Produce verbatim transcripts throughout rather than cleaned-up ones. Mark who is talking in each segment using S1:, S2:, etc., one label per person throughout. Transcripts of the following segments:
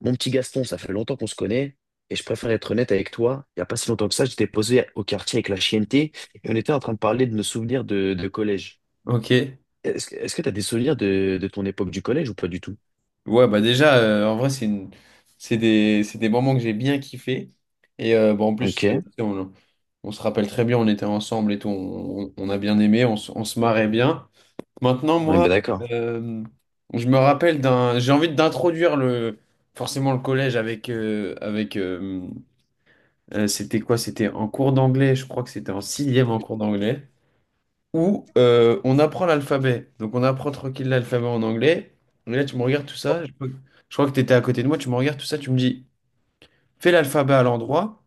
S1: Mon petit Gaston, ça fait longtemps qu'on se connaît et je préfère être honnête avec toi. Il n'y a pas si longtemps que ça, j'étais posé au quartier avec la chienneté et on était en train de parler de nos souvenirs de, de collège.
S2: Ok.
S1: Est-ce, que- est-ce que tu as des souvenirs de, de ton époque du collège ou pas du tout?
S2: Ouais, bah déjà, euh, en vrai, c'est une... c'est des... c'est des moments que j'ai bien kiffé. Et euh, bon, en plus,
S1: Ok,
S2: euh, tu sais, on... on se rappelle très bien, on était ensemble et tout, on, on- on a bien aimé, on, se on se marrait bien. Maintenant,
S1: on est
S2: moi,
S1: bien d'accord.
S2: euh, je me rappelle d'un... J'ai envie d'introduire le... forcément le collège avec... euh, avec euh, euh, c'était quoi? C'était en cours d'anglais, je crois que c'était en sixième en cours d'anglais, où euh, on apprend l'alphabet. Donc on apprend tranquille l'alphabet en anglais. Et là, tu me regardes tout ça. Je, crois que je crois que tu étais à côté de moi. Tu me regardes tout ça. Tu me dis, fais l'alphabet à l'endroit,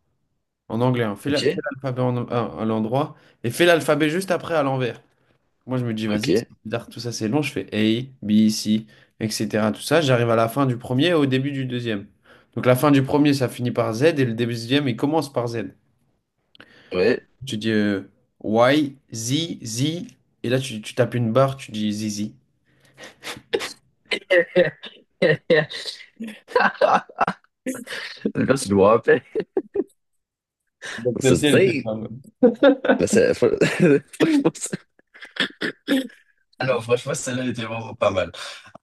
S2: en anglais, hein. Fais la-
S1: Ok,
S2: fais l'alphabet en- à, à l'endroit et fais l'alphabet juste après à l'envers. Moi, je me dis,
S1: ok,
S2: vas-y, c'est bizarre, tout ça, c'est long. Je fais A, B, C, et cetera. Tout ça. J'arrive à la fin du premier et au début du deuxième. Donc la fin du premier, ça finit par Z et le début du deuxième, il commence par Z.
S1: ouais.
S2: Tu dis euh, Y, Z, Z. Et là, tu, tu tapes une barre, tu dis Z, Z.
S1: Merci de me rappeler.
S2: Donc,
S1: Ça
S2: celle-ci, elle
S1: se
S2: était
S1: dit.
S2: pas bonne.
S1: Bah, ça- fr- franchement, ça- Alors, franchement, celle-là était vraiment pas mal.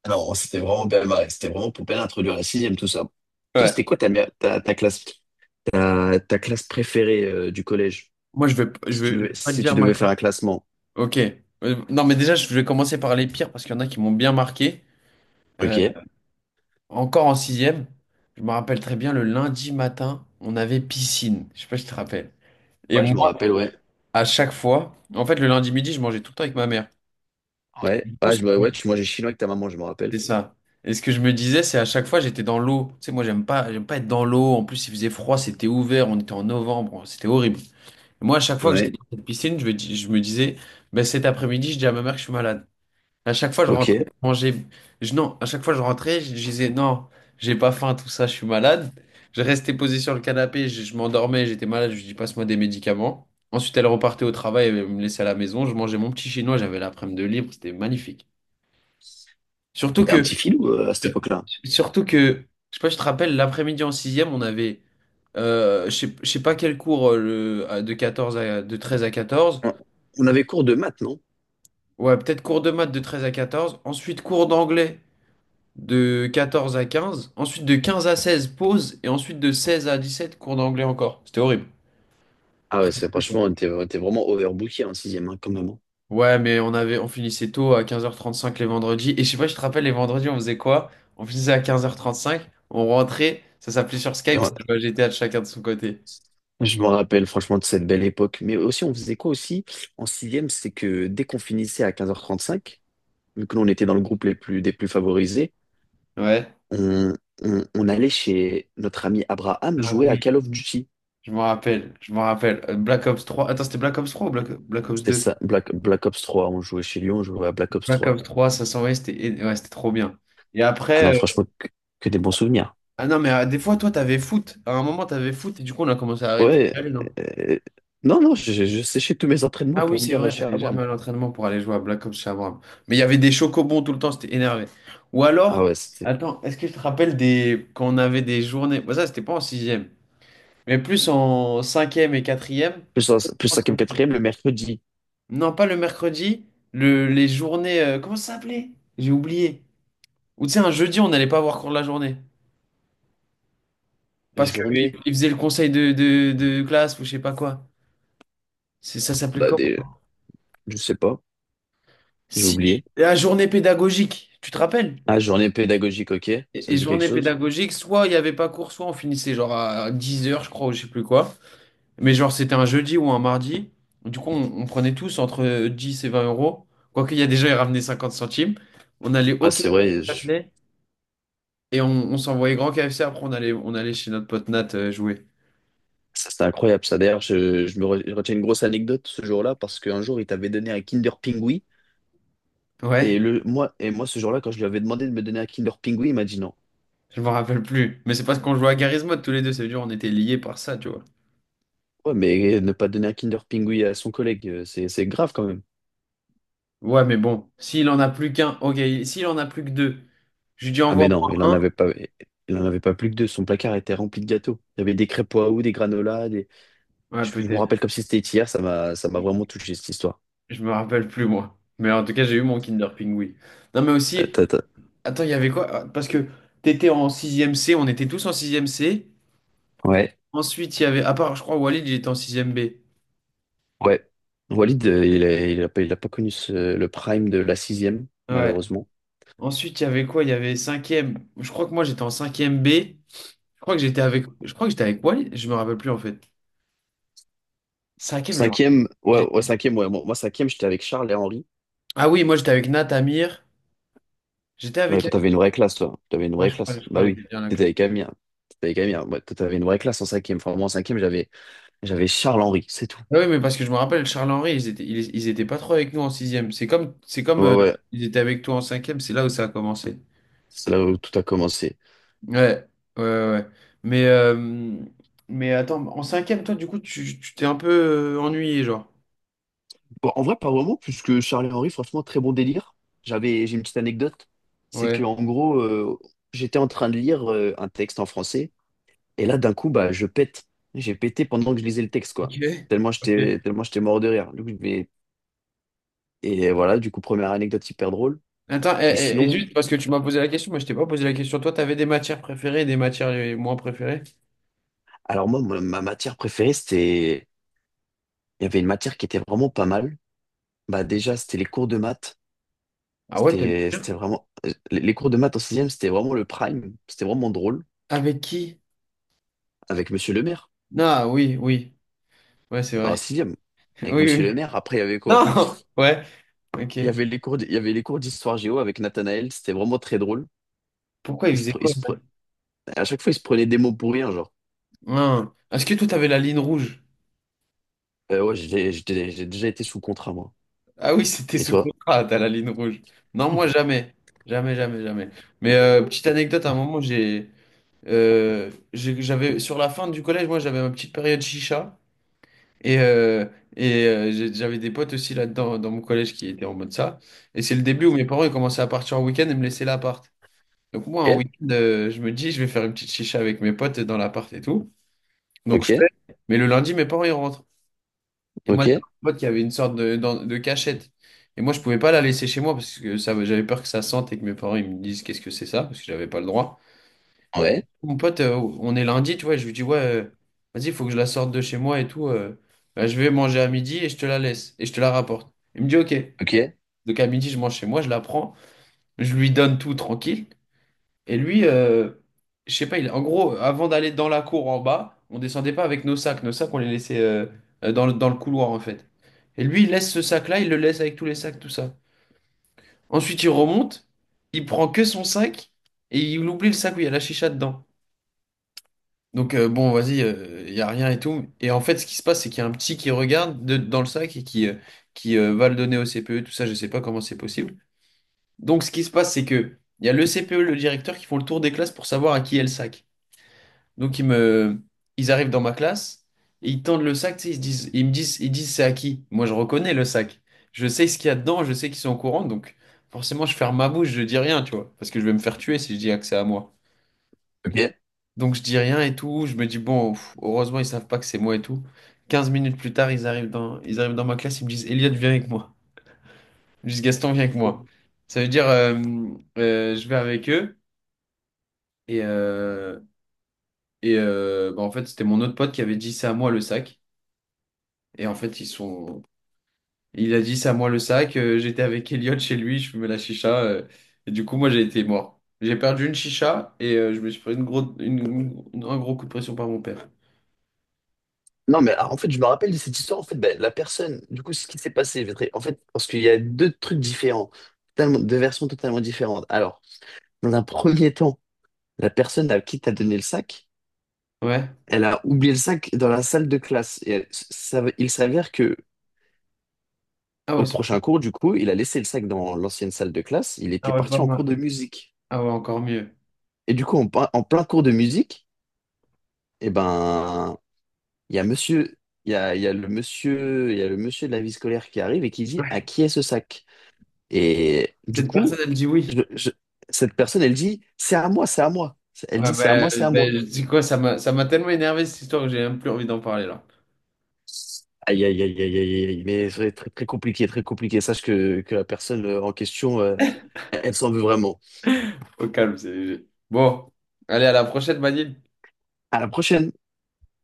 S1: Alors, c'était vraiment bien marré. C'était vraiment pour bien introduire la sixième, tout ça. Toi, c'était
S2: Ouais.
S1: quoi ta, mère- ta, ta classe? Ta, ta classe préférée euh, du collège,
S2: Moi, je vais, je
S1: si tu
S2: vais, je vais
S1: devais,
S2: pas te
S1: si tu
S2: dire ma
S1: devais faire
S2: classe.
S1: un classement.
S2: Ok. Euh, non, mais déjà, je vais commencer par les pires parce qu'il y en a qui m'ont bien marqué.
S1: Ok.
S2: Euh,
S1: Ouais,
S2: Encore en sixième, je me rappelle très bien, le lundi matin, on avait piscine. Je sais pas si tu te rappelles. Et
S1: je me
S2: moi,
S1: rappelle, ouais.
S2: à chaque fois, en fait, le lundi midi, je mangeais tout le temps avec ma mère.
S1: Ouais,
S2: Du coup,
S1: ouais,
S2: ce que-
S1: je me- ouais, tu mangeais chinois avec ta maman, je me rappelle.
S2: c'est ça. Et ce que je me disais, c'est à chaque fois, j'étais dans l'eau. Tu sais, moi, j'aime pas, j'aime pas être dans l'eau. En plus, il faisait froid, c'était ouvert, on était en novembre, c'était horrible. Moi, à chaque fois que j'étais
S1: Ouais.
S2: dans cette piscine, je me, dis- je me disais, ben, cet après-midi, je dis à ma mère que je suis malade. À chaque fois, je
S1: Ok.
S2: rentrais,
S1: T'étais
S2: je mangeais. Je- non, à chaque fois, je rentrais, je, je disais, non, j'ai pas faim, tout ça, je suis malade. Je restais posé sur le canapé, je, je m'endormais, j'étais malade, je lui dis, passe-moi des médicaments. Ensuite, elle repartait au travail, elle me laissait à la maison, je mangeais mon petit chinois, j'avais l'après-midi de libre, c'était magnifique. Surtout
S1: un petit
S2: que,
S1: filou euh, à cette époque-là.
S2: surtout que, je sais pas, je te rappelle, l'après-midi en sixième, on avait, euh, je sais, je sais pas quel cours, euh, le, de quatorze à, de treize à quatorze.
S1: On on avait cours de maths, non?
S2: Ouais, peut-être cours de maths de treize à quatorze, ensuite cours d'anglais de quatorze à quinze, ensuite de quinze à seize pause, et ensuite de seize à dix sept cours d'anglais encore. C'était horrible. Tu
S1: Ah
S2: te
S1: ouais,
S2: rappelles
S1: c'est
S2: ou pas?
S1: franchement, on était, on était vraiment overbooké en sixième, hein, quand même. Hein.
S2: Ouais, mais on avait, on finissait tôt à quinze heures trente cinq les vendredis. Et je sais pas, je te rappelle, les vendredis, on faisait quoi? On finissait à quinze heures trente cinq, on rentrait, ça s'appelait sur
S1: Et
S2: Skype, ça
S1: on-
S2: jouait à G T A de chacun de son côté.
S1: Je me rappelle franchement de cette belle époque. Mais aussi, on faisait quoi aussi en sixième, c'est que dès qu'on finissait à quinze heures trente-cinq, vu que l'on était dans le groupe les plus, des plus favorisés,
S2: Ouais.
S1: on, on- on allait chez notre ami Abraham
S2: Ah
S1: jouer à
S2: oui.
S1: Call of Duty.
S2: Je m'en rappelle, je m'en rappelle. Euh, Black Ops trois, attends, c'était Black Ops trois ou Black, Black Ops
S1: C'était
S2: deux?
S1: ça, Black, Black Ops trois. On jouait chez lui, on jouait à Black Ops
S2: Black
S1: trois.
S2: Ops trois, ça s'envoyait, c'était et- ouais, c'était trop bien. Et
S1: Ah
S2: après,
S1: non,
S2: euh,
S1: franchement, que, que des bons souvenirs.
S2: ah non, mais euh, des fois, toi, t'avais foot. À un moment, t'avais foot et du coup, on a commencé à arrêter
S1: Ouais.
S2: d'aller, non?
S1: euh, non, non, je, je séchais tous mes entraînements
S2: Ah oui,
S1: pour
S2: c'est
S1: venir
S2: vrai,
S1: chez
S2: t'allais
S1: Abraham.
S2: jamais à l'entraînement pour aller jouer à Black Ops chez Abraham. Mais il y avait des chocobons tout le temps, c'était énervé. Ou
S1: Ah
S2: alors,
S1: ouais, c'était
S2: attends, est-ce que je te rappelle des... quand on avait des journées... Bon, ça, c'était pas en sixième, mais plus en cinquième et quatrième.
S1: plus, en- plus
S2: En
S1: cinquième
S2: cinquième.
S1: quatrième le mercredi.
S2: Non, pas le mercredi, le... les journées... euh, Comment ça s'appelait? J'ai oublié. Ou tu sais, un jeudi, on n'allait pas avoir cours de la journée.
S1: Les
S2: Parce qu'ils
S1: journées,
S2: faisaient le conseil de, de, de classe ou je sais pas quoi. C'est- Ça
S1: ah
S2: s'appelait
S1: bah
S2: quoi?
S1: des, je sais pas, j'ai
S2: Si,
S1: oublié.
S2: la journée pédagogique, tu te rappelles?
S1: Ah, journée pédagogique, ok,
S2: Et,
S1: ça
S2: et
S1: me dit quelque
S2: journée
S1: chose.
S2: pédagogique, soit il n'y avait pas cours, soit on finissait genre à dix heures, je crois, ou je sais plus quoi. Mais genre, c'était un jeudi ou un mardi. Du coup, on, on prenait tous entre dix et vingt euros. Quoique, il y a déjà, ils ramenaient cinquante centimes. On allait au
S1: Ah, c'est
S2: K F C
S1: vrai,
S2: Châtelet et on, on s'envoyait grand K F C. Après, on allait, on allait chez notre pote Nat euh, jouer.
S1: ça, c'était incroyable, ça. D'ailleurs, je, je me re- je retiens une grosse anecdote ce jour-là parce qu'un jour, il t'avait donné un Kinder Pingui.
S2: Ouais,
S1: Et, le, moi, et moi, ce jour-là, quand je lui avais demandé de me donner un Kinder Pingui, il m'a dit non.
S2: je m'en rappelle plus. Mais c'est parce qu'on jouait à Garry's Mod tous les deux. Ça veut dire on était liés par ça, tu vois.
S1: Ouais, mais ne pas donner un Kinder Pingui à son collègue, euh, c'est, c'est grave quand même.
S2: Ouais, mais bon, s'il en a plus qu'un, ok, s'il en a plus que deux, je lui dis
S1: Ah,
S2: envoie-moi
S1: mais non, il en
S2: un.
S1: avait pas, il en avait pas plus que deux. Son placard était rempli de gâteaux. Il y avait des crêpes Oahu, des granolas. Des...
S2: Ouais,
S1: Je, je me
S2: peut-être.
S1: rappelle comme si c'était hier. Ça m'a, ça m'a vraiment touché, cette histoire.
S2: Je me rappelle plus, moi. Mais en tout cas, j'ai eu mon Kinder Pingui. Non, mais
S1: Ta-
S2: aussi,
S1: ta- ta.
S2: attends, il y avait quoi? Ah, parce que t'étais en sixième C, on était tous en sixième C.
S1: Ouais,
S2: Ensuite, il y avait, à part, je crois, Walid, il était en sixième B.
S1: ouais. Walid, euh, il a, il a pas, il a pas connu ce- le prime de la sixième,
S2: Ouais.
S1: malheureusement.
S2: Ensuite, il y avait quoi? Il y avait cinquième. Je crois que moi, j'étais en cinquième B. Je crois que j'étais avec, je crois que j'étais avec Walid, je me rappelle plus, en fait. Cinquième ème genre.
S1: Cinquième, ouais,
S2: J'ai-
S1: ouais, cinquième, ouais. Moi, moi, cinquième, j'étais avec Charles et Henri.
S2: Ah oui, moi, j'étais avec Nat, Amir. J'étais
S1: Ouais,
S2: avec.
S1: toi, t'avais une vraie classe, toi. T'avais une
S2: Ouais,
S1: vraie
S2: je crois,
S1: classe.
S2: je crois
S1: Bah
S2: qu'elle
S1: oui,
S2: était bien la
S1: t'étais
S2: classe.
S1: avec Amir. T'étais avec Amir. Ouais, toi, t'avais une vraie classe en cinquième. Enfin, moi, en cinquième, j'avais, j'avais Charles Henri, c'est tout.
S2: Ah oui, mais parce que je me rappelle, Charles-Henri, ils étaient, ils, ils étaient pas trop avec nous en sixième. C'est comme, c'est comme
S1: Ouais,
S2: euh,
S1: ouais.
S2: ils étaient avec toi en cinquième, c'est là où ça a commencé.
S1: C'est là où tout a commencé.
S2: Ouais, ouais, ouais. ouais. Mais, euh, mais attends, en cinquième, toi, du coup, tu tu t'es un peu euh, ennuyé, genre.
S1: Bon, en vrai, pas vraiment, puisque Charles et Henri, franchement, très bon délire. J'avais, j'ai une petite anecdote. C'est que,
S2: Ouais.
S1: en gros, euh, j'étais en train de lire euh, un texte en français. Et là, d'un coup, bah, je pète. J'ai pété pendant que je lisais le texte, quoi.
S2: Ok.
S1: Tellement
S2: Ok.
S1: j'étais, tellement j'étais mort de rire. Du coup, et voilà, du coup, première anecdote hyper drôle.
S2: Attends, et,
S1: Mais
S2: et- et
S1: sinon,
S2: juste parce que tu m'as posé la question, moi je t'ai pas posé la question. Toi, t'avais des matières préférées et des matières euh, moins préférées?
S1: alors moi, ma ma matière préférée, c'était... Il y avait une matière qui était vraiment pas mal. Bah déjà, c'était les cours de maths.
S2: Ah ouais, t'aimes
S1: C'était
S2: bien.
S1: c'était vraiment... euh, les les cours de maths en sixième, c'était vraiment le prime. C'était vraiment drôle.
S2: Avec qui?
S1: Avec Monsieur Le Maire.
S2: Ah oui, oui. Ouais, c'est
S1: Bah, en
S2: vrai.
S1: sixième.
S2: Oui,
S1: Avec Monsieur Le
S2: oui.
S1: Maire, après, il y avait quoi?
S2: Non! Ouais, ok.
S1: Il y avait les cours, d- il y avait les cours d'histoire géo avec Nathanaël. C'était vraiment très drôle.
S2: Pourquoi il
S1: Il se
S2: faisait
S1: pre- il
S2: quoi
S1: se
S2: là?
S1: pre- À chaque fois, il se prenait des mots pour rien, genre.
S2: Hein. Est-ce que toi, t'avais la ligne rouge?
S1: Euh, ouais, j'ai j'ai- j'ai déjà été sous contrat, moi.
S2: Ah oui, c'était
S1: Et
S2: sous
S1: toi?
S2: contrat, t'as la ligne rouge. Non, moi, jamais. Jamais, jamais, jamais. Mais euh, petite anecdote, à un moment, j'ai, euh, j'ai- j'avais, sur la fin du collège, moi, j'avais ma petite période chicha. Et, euh, et euh, j'ai- J'avais des potes aussi là-dedans, dans mon collège, qui étaient en mode ça. Et c'est le début où mes parents, ils commençaient à partir en week-end et me laisser l'appart. Donc, moi, un
S1: Ok,
S2: week-end, euh, je me dis, je vais faire une petite chicha avec mes potes dans l'appart et tout. Donc, je fais.
S1: ok,
S2: Mais le lundi, mes parents, ils rentrent. Et moi, j'avais
S1: ok,
S2: un pote qui avait une sorte de, dans- de cachette. Et moi, je pouvais pas la laisser chez moi parce que ça, j'avais peur que ça sente et que mes parents ils me disent qu'est-ce que c'est ça, parce que j'avais pas le droit.
S1: ouais.
S2: Mon pote, euh, on est lundi, tu vois, je lui dis, ouais, euh, vas-y, il faut que je la sorte de chez moi et tout. Euh, bah, je vais manger à midi et je te la laisse et je te la rapporte. Il me dit, ok.
S1: Ok.
S2: Donc à midi, je mange chez moi, je la prends, je lui donne tout tranquille. Et lui, euh, je sais pas, il, en gros, avant d'aller dans la cour en bas, on descendait pas avec nos sacs. Nos sacs, on les laissait euh, euh, dans le, dans le couloir, en fait. Et lui, il laisse ce sac-là, il le laisse avec tous les sacs, tout ça. Ensuite, il remonte, il prend que son sac et il oublie le sac où il y a la chicha dedans. Donc, euh, bon, vas-y, il y a rien et tout. Et en fait, ce qui se passe, c'est qu'il y a un petit qui regarde de- dans le sac et qui, euh, qui euh, va le donner au C P E, tout ça, je sais pas comment c'est possible. Donc, ce qui se passe, c'est que il y a le C P E, le directeur, qui font le tour des classes pour savoir à qui est le sac. Donc ils me, Ils arrivent dans ma classe et ils tendent le sac, tu sais, ils se disent, ils me disent, ils disent c'est à qui? Moi je reconnais le sac, je sais ce qu'il y a dedans, je sais qu'ils sont au courant, donc forcément je ferme ma bouche, je dis rien, tu vois, parce que je vais me faire tuer si je dis ah, que c'est à moi.
S1: Ok. Et-
S2: Donc je dis rien et tout, je me dis bon, pff, heureusement ils savent pas que c'est moi et tout. Quinze minutes plus tard, ils arrivent dans, ils arrivent dans ma classe, ils me disent Elliot viens avec moi, ils me disent Gaston viens avec moi. Ça veut dire euh, euh, je vais avec eux et euh, et euh, bah, en fait c'était mon autre pote qui avait dit c'est à moi le sac. Et en fait, ils sont. Il a dit, c'est à moi le sac. Euh, j'étais avec Elliot chez lui, je fumais la chicha. Euh, et du coup, moi, j'ai été mort. J'ai perdu une chicha et euh, je me suis pris une gros... une- une- un gros coup de pression par mon père.
S1: Non, mais ah, en fait, je me rappelle de cette histoire. En fait, ben, la personne, du coup, ce qui s'est passé, je vais te- en fait, parce qu'il y a deux trucs différents, totalement- deux versions totalement différentes. Alors, dans un premier temps, la personne à qui t'as donné le sac,
S2: Ouais.
S1: elle a oublié le sac dans la salle de classe. Et elle- ça- il s'avère que
S2: Ah ouais,
S1: au
S2: ça-
S1: prochain cours, du coup, il a laissé le sac dans l'ancienne salle de classe. Il
S2: ah
S1: était
S2: ouais, pas
S1: parti en cours
S2: mal.
S1: de musique.
S2: Ah ouais, encore mieux.
S1: Et du coup, en, plein en plein cours de musique, eh ben, il y a monsieur, il y a, il y a le monsieur, il y a le monsieur de la vie scolaire qui arrive et qui dit à
S2: Ouais.
S1: qui est ce sac? Et du
S2: Cette personne,
S1: coup,
S2: elle dit oui.
S1: je- je- cette personne, elle dit c'est à moi, c'est à moi. Elle
S2: Ouais,
S1: dit c'est à
S2: bah,
S1: moi, c'est à
S2: ben
S1: moi.
S2: je dis quoi, ça m'a ça m'a tellement énervé cette histoire que j'ai même plus envie d'en parler là.
S1: Aïe, aïe, aïe, aïe, aïe, aïe, mais c'est très, très compliqué, très compliqué. Sache que, que la personne euh, en question, euh, elle s'en veut vraiment.
S2: Au calme, c'est léger. Bon, allez, à la prochaine, Manil.
S1: À la prochaine.